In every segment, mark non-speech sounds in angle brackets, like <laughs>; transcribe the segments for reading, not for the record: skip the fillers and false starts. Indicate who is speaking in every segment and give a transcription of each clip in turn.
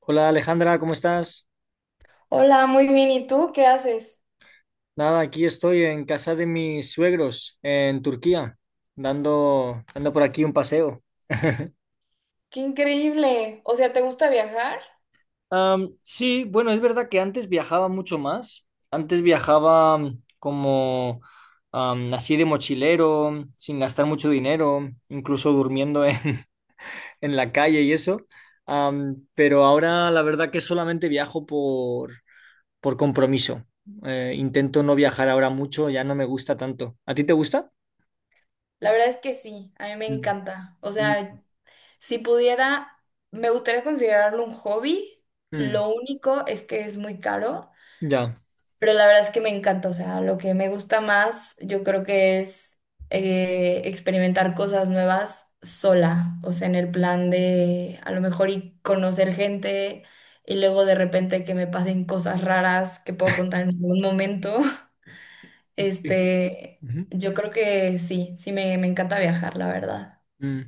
Speaker 1: Hola Alejandra, ¿cómo estás?
Speaker 2: Hola, muy bien. ¿Y tú qué haces?
Speaker 1: Nada, aquí estoy en casa de mis suegros en Turquía, dando por aquí un paseo.
Speaker 2: Qué increíble. O sea, ¿te gusta viajar?
Speaker 1: Sí, bueno, es verdad que antes viajaba mucho más. Antes viajaba como así de mochilero, sin gastar mucho dinero, incluso durmiendo en, <laughs> en la calle y eso. Pero ahora la verdad que solamente viajo por compromiso. Intento no viajar ahora mucho, ya no me gusta tanto. ¿A ti te gusta?
Speaker 2: La verdad es que sí, a mí me encanta. O
Speaker 1: Mm,
Speaker 2: sea, si pudiera, me gustaría considerarlo un hobby.
Speaker 1: mm,
Speaker 2: Lo único es que es muy caro,
Speaker 1: ya.
Speaker 2: pero la verdad es que me encanta. O sea, lo que me gusta más, yo creo que es experimentar cosas nuevas sola. O sea, en el plan de a lo mejor y conocer gente y luego de repente que me pasen cosas raras que puedo contar en algún momento.
Speaker 1: Sí.
Speaker 2: Este,
Speaker 1: Ujú.
Speaker 2: yo creo que sí, me encanta viajar, la verdad.
Speaker 1: Mm.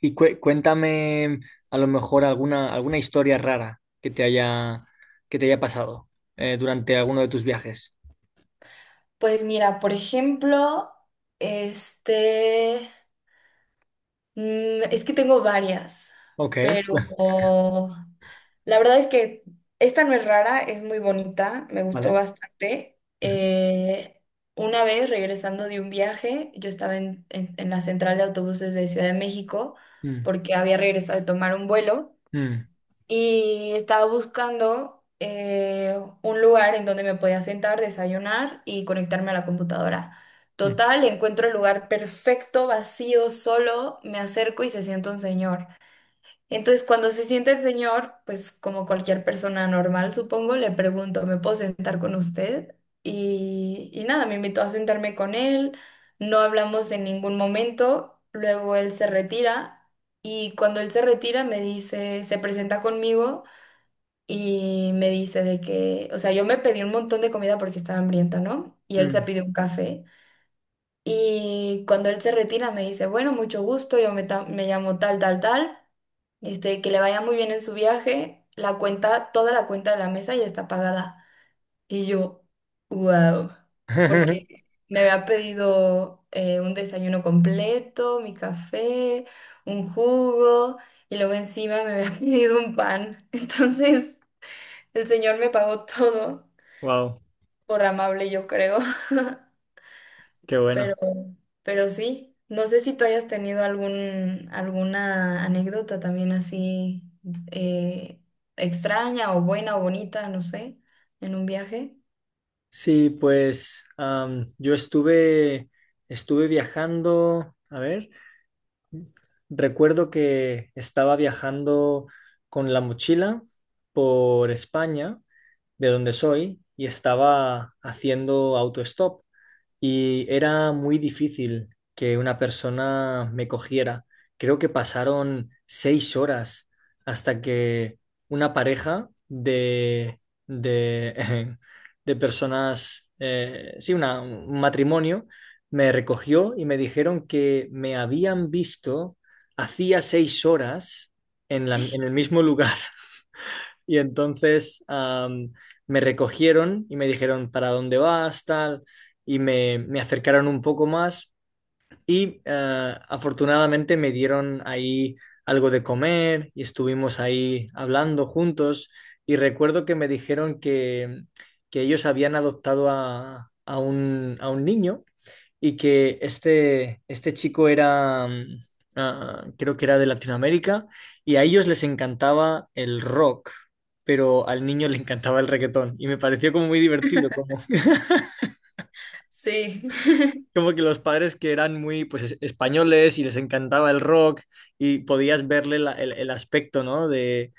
Speaker 1: Y cuéntame a lo mejor alguna historia rara que te haya pasado durante alguno de tus viajes.
Speaker 2: Pues mira, por ejemplo, este, es que tengo varias,
Speaker 1: Ok,
Speaker 2: pero
Speaker 1: <laughs>
Speaker 2: la verdad es que esta no es rara, es muy bonita, me gustó
Speaker 1: vale.
Speaker 2: bastante.
Speaker 1: Ujú.
Speaker 2: Una vez regresando de un viaje, yo estaba en la central de autobuses de Ciudad de México
Speaker 1: Mm,
Speaker 2: porque había regresado de tomar un vuelo.
Speaker 1: mm,
Speaker 2: Y estaba buscando un lugar en donde me podía sentar, desayunar y conectarme a la computadora.
Speaker 1: mm,
Speaker 2: Total, encuentro el lugar perfecto, vacío, solo, me acerco y se sienta un señor. Entonces, cuando se sienta el señor, pues como cualquier persona normal, supongo, le pregunto, ¿me puedo sentar con usted? Y nada, me invitó a sentarme con él, no hablamos en ningún momento, luego él se retira y cuando él se retira me dice, se presenta conmigo y me dice de que, o sea, yo me pedí un montón de comida porque estaba hambrienta, ¿no? Y él se
Speaker 1: mm.
Speaker 2: pidió un café. Y cuando él se retira me dice, bueno, mucho gusto, me llamo tal, tal, tal. Este, que le vaya muy bien en su viaje. La cuenta, toda la cuenta de la mesa ya está pagada. Y yo, wow, porque
Speaker 1: <laughs>
Speaker 2: me había pedido un desayuno completo, mi café, un jugo, y luego encima me había <laughs> pedido un pan. Entonces... El Señor me pagó <laughs> todo
Speaker 1: Wow,
Speaker 2: por amable, yo creo, <laughs>
Speaker 1: qué
Speaker 2: pero,
Speaker 1: bueno.
Speaker 2: pero sí. No sé si tú hayas tenido algún, alguna anécdota también así eh, extraña o buena o bonita, no sé, en un viaje.
Speaker 1: Sí, pues yo estuve viajando, a ver, recuerdo que estaba viajando con la mochila por España, de donde soy, y estaba haciendo autostop y era muy difícil que una persona me cogiera. Creo que pasaron 6 horas hasta que una pareja de, <laughs> de personas, sí, un matrimonio, me recogió y me dijeron que me habían visto hacía 6 horas en el mismo lugar. Y entonces me recogieron y me dijeron para dónde vas, tal, y me acercaron un poco más y afortunadamente me dieron ahí algo de comer y estuvimos ahí hablando juntos, y recuerdo que me dijeron que ellos habían adoptado a un niño, y que este chico era, creo que era de Latinoamérica, y a ellos les encantaba el rock, pero al niño <laughs> le encantaba el reggaetón, y me pareció como muy divertido, como, <laughs>
Speaker 2: Sí. <laughs>
Speaker 1: como que los padres, que eran muy, pues, españoles y les encantaba el rock, y podías verle el aspecto, ¿no?, de,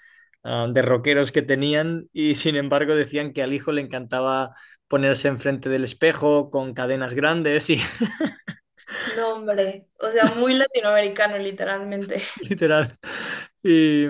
Speaker 1: ah, de rockeros que tenían, y sin embargo decían que al hijo le encantaba ponerse enfrente del espejo con cadenas grandes <laughs>
Speaker 2: No, hombre. O sea, muy latinoamericano, literalmente.
Speaker 1: literal. Y,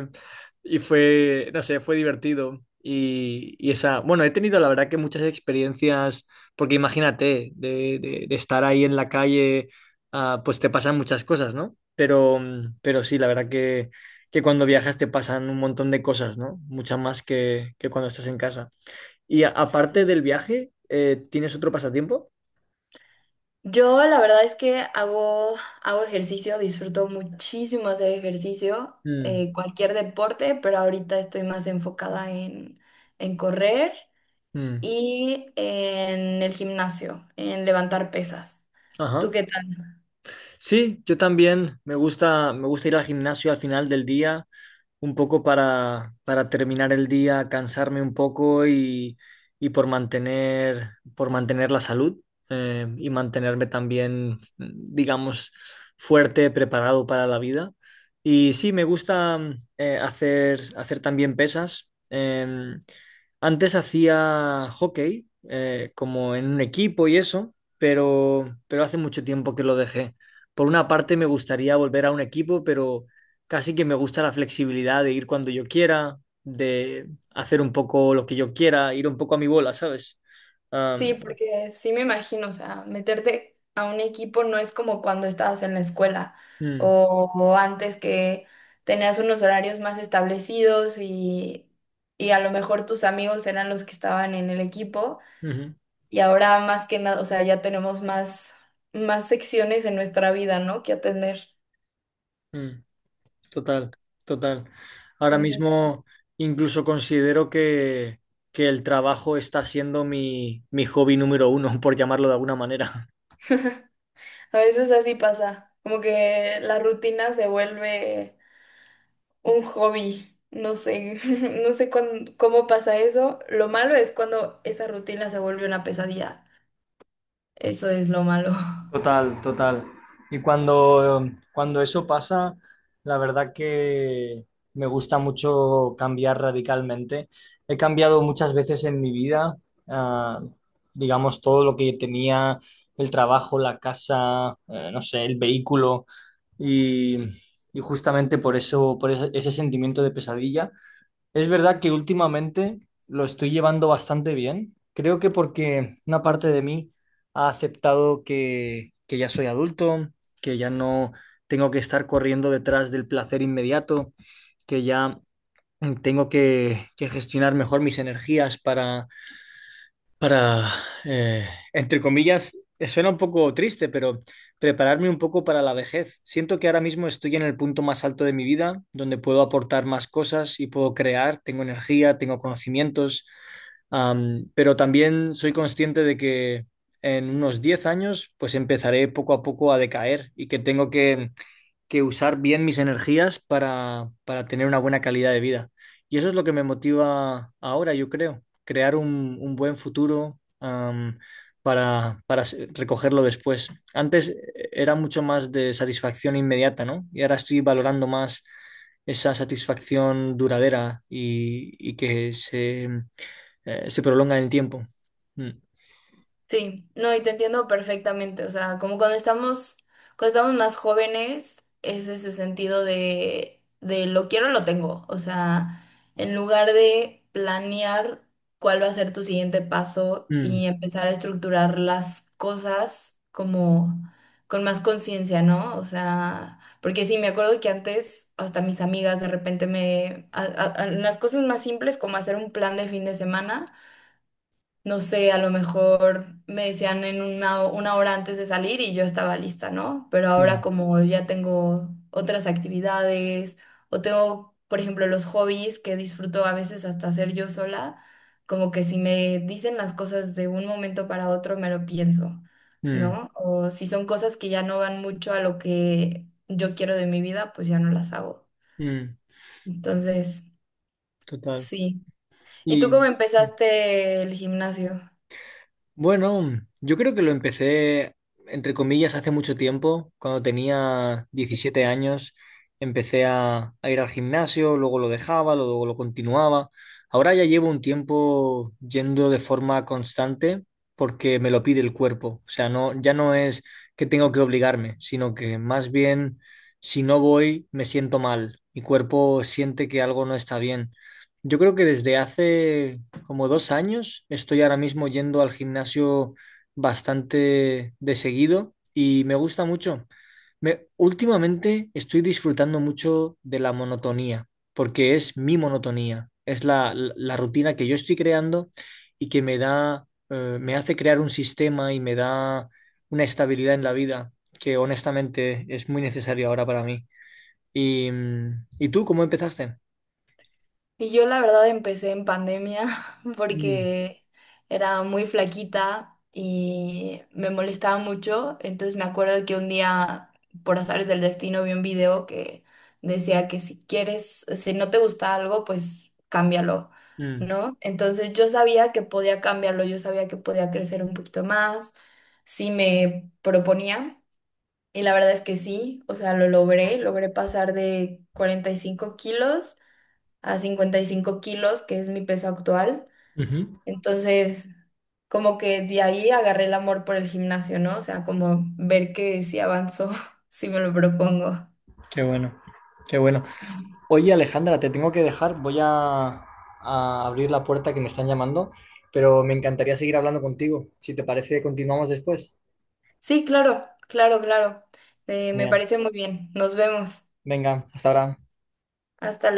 Speaker 1: y fue, no sé, fue divertido. Y esa, bueno, he tenido la verdad que muchas experiencias, porque imagínate, de estar ahí en la calle, pues te pasan muchas cosas, ¿no? Pero sí, la verdad que, cuando viajas te pasan un montón de cosas, ¿no? Muchas más que cuando estás en casa. Y aparte del
Speaker 2: Sí.
Speaker 1: viaje, ¿tienes otro pasatiempo?
Speaker 2: Yo la verdad es que hago ejercicio, disfruto muchísimo hacer ejercicio,
Speaker 1: Mm,
Speaker 2: cualquier deporte, pero ahorita estoy más enfocada en correr
Speaker 1: mm,
Speaker 2: y en el gimnasio, en levantar pesas. ¿Tú
Speaker 1: ajá.
Speaker 2: qué tal?
Speaker 1: Sí, yo también me gusta, ir al gimnasio al final del día, un poco para terminar el día, cansarme un poco y por mantener la salud, y mantenerme también, digamos, fuerte, preparado para la vida. Y sí, me gusta hacer también pesas. Antes hacía hockey, como en un equipo y eso, pero hace mucho tiempo que lo dejé. Por una parte me gustaría volver a un equipo, pero casi que me gusta la flexibilidad de ir cuando yo quiera, de hacer un poco lo que yo quiera, ir un poco a mi bola, ¿sabes? Am,
Speaker 2: Sí, porque sí me imagino, o sea, meterte a un equipo no es como cuando estabas en la escuela
Speaker 1: mm,
Speaker 2: o antes que tenías unos horarios más establecidos y a lo mejor tus amigos eran los que estaban en el equipo.
Speaker 1: ujú,
Speaker 2: Y ahora más que nada, o sea, ya tenemos más, más secciones en nuestra vida, ¿no? Que atender.
Speaker 1: mm, total, total. Ahora
Speaker 2: Entonces,
Speaker 1: mismo incluso considero que, el trabajo está siendo mi hobby número uno, <laughs> por llamarlo de alguna manera.
Speaker 2: a veces así pasa, como que la rutina se vuelve un hobby. No sé, <laughs> no sé cuán- cómo pasa eso. Lo malo es cuando esa rutina se vuelve una pesadilla. Eso es lo malo.
Speaker 1: Total, total. Y cuando eso pasa, la verdad que me gusta mucho cambiar radicalmente. He cambiado muchas veces en mi vida, ah, digamos, todo lo que tenía: el trabajo, la casa, no sé, el vehículo, y, y, justamente por eso, por ese sentimiento de pesadilla. Es verdad que últimamente lo estoy llevando bastante bien. Creo que porque una parte de mí ha aceptado que, ya soy adulto, que ya no tengo que estar corriendo detrás del placer inmediato, que ya tengo que gestionar mejor mis energías para, eh, entre comillas, suena un poco triste, pero prepararme un poco para la vejez. Siento que ahora mismo estoy en el punto más alto de mi vida, donde puedo aportar más cosas y puedo crear, tengo energía, tengo conocimientos, pero también soy consciente de que en unos 10 años pues empezaré poco a poco a decaer, y que tengo que usar bien mis energías para, tener una buena calidad de vida. Y eso es lo que me motiva ahora, yo creo: crear un, buen futuro, para recogerlo después. Antes era mucho más de satisfacción inmediata, ¿no? Y ahora estoy valorando más esa satisfacción duradera y que se prolonga en el tiempo. Mm,
Speaker 2: Sí, no, y te entiendo perfectamente, o sea, cuando estamos más jóvenes, es ese sentido de lo quiero, lo tengo, o sea, en lugar de planear cuál va a ser tu siguiente paso
Speaker 1: mm,
Speaker 2: y empezar a estructurar las cosas como con más conciencia, ¿no? O sea, porque sí, me acuerdo que antes hasta mis amigas de repente me, a- las cosas más simples como hacer un plan de fin de semana no sé, a lo mejor me decían en una hora antes de salir y yo estaba lista, ¿no? Pero ahora
Speaker 1: mm,
Speaker 2: como ya tengo otras actividades o tengo, por ejemplo, los hobbies que disfruto a veces hasta hacer yo sola, como que si me dicen las cosas de un momento para otro, me lo pienso,
Speaker 1: mm,
Speaker 2: ¿no? O si son cosas que ya no van mucho a lo que yo quiero de mi vida, pues ya no las hago.
Speaker 1: mm,
Speaker 2: Entonces,
Speaker 1: total.
Speaker 2: sí. ¿Y tú
Speaker 1: Y.
Speaker 2: cómo empezaste el gimnasio?
Speaker 1: Bueno, yo creo que lo empecé, entre comillas, hace mucho tiempo. Cuando tenía 17 años, empecé a ir al gimnasio, luego lo dejaba, luego lo continuaba. Ahora ya llevo un tiempo yendo de forma constante porque me lo pide el cuerpo. O sea, no, ya no es que tengo que obligarme, sino que más bien si no voy, me siento mal. Mi cuerpo siente que algo no está bien. Yo creo que desde hace como 2 años estoy ahora mismo yendo al gimnasio bastante de seguido y me gusta mucho. Me, últimamente estoy disfrutando mucho de la monotonía, porque es mi monotonía, es la rutina que yo estoy creando, y que me da, me hace crear un sistema y me da una estabilidad en la vida que honestamente es muy necesaria ahora para mí. ¿Y tú cómo empezaste?
Speaker 2: Y yo la verdad empecé en pandemia <laughs>
Speaker 1: Mm,
Speaker 2: porque era muy flaquita y me molestaba mucho. Entonces me acuerdo que un día, por azares del destino, vi un video que decía que si quieres, si no te gusta algo, pues cámbialo,
Speaker 1: mm,
Speaker 2: ¿no? Entonces yo sabía que podía cambiarlo, yo sabía que podía crecer un poquito más, si me proponía. Y la verdad es que sí, o sea, logré pasar de 45 kilos a 55 kilos, que es mi peso actual.
Speaker 1: ujú.
Speaker 2: Entonces, como que de ahí agarré el amor por el gimnasio, ¿no? O sea, como ver que sí avanzo, <laughs> si me lo propongo.
Speaker 1: Qué bueno, qué bueno.
Speaker 2: Sí.
Speaker 1: Oye, Alejandra, te tengo que dejar. Voy a abrir la puerta, que me están llamando, pero me encantaría seguir hablando contigo. Si te parece, continuamos después.
Speaker 2: Sí, claro, claro, claro. Me
Speaker 1: Genial.
Speaker 2: parece muy bien. Nos vemos.
Speaker 1: Venga, hasta ahora.
Speaker 2: Hasta luego.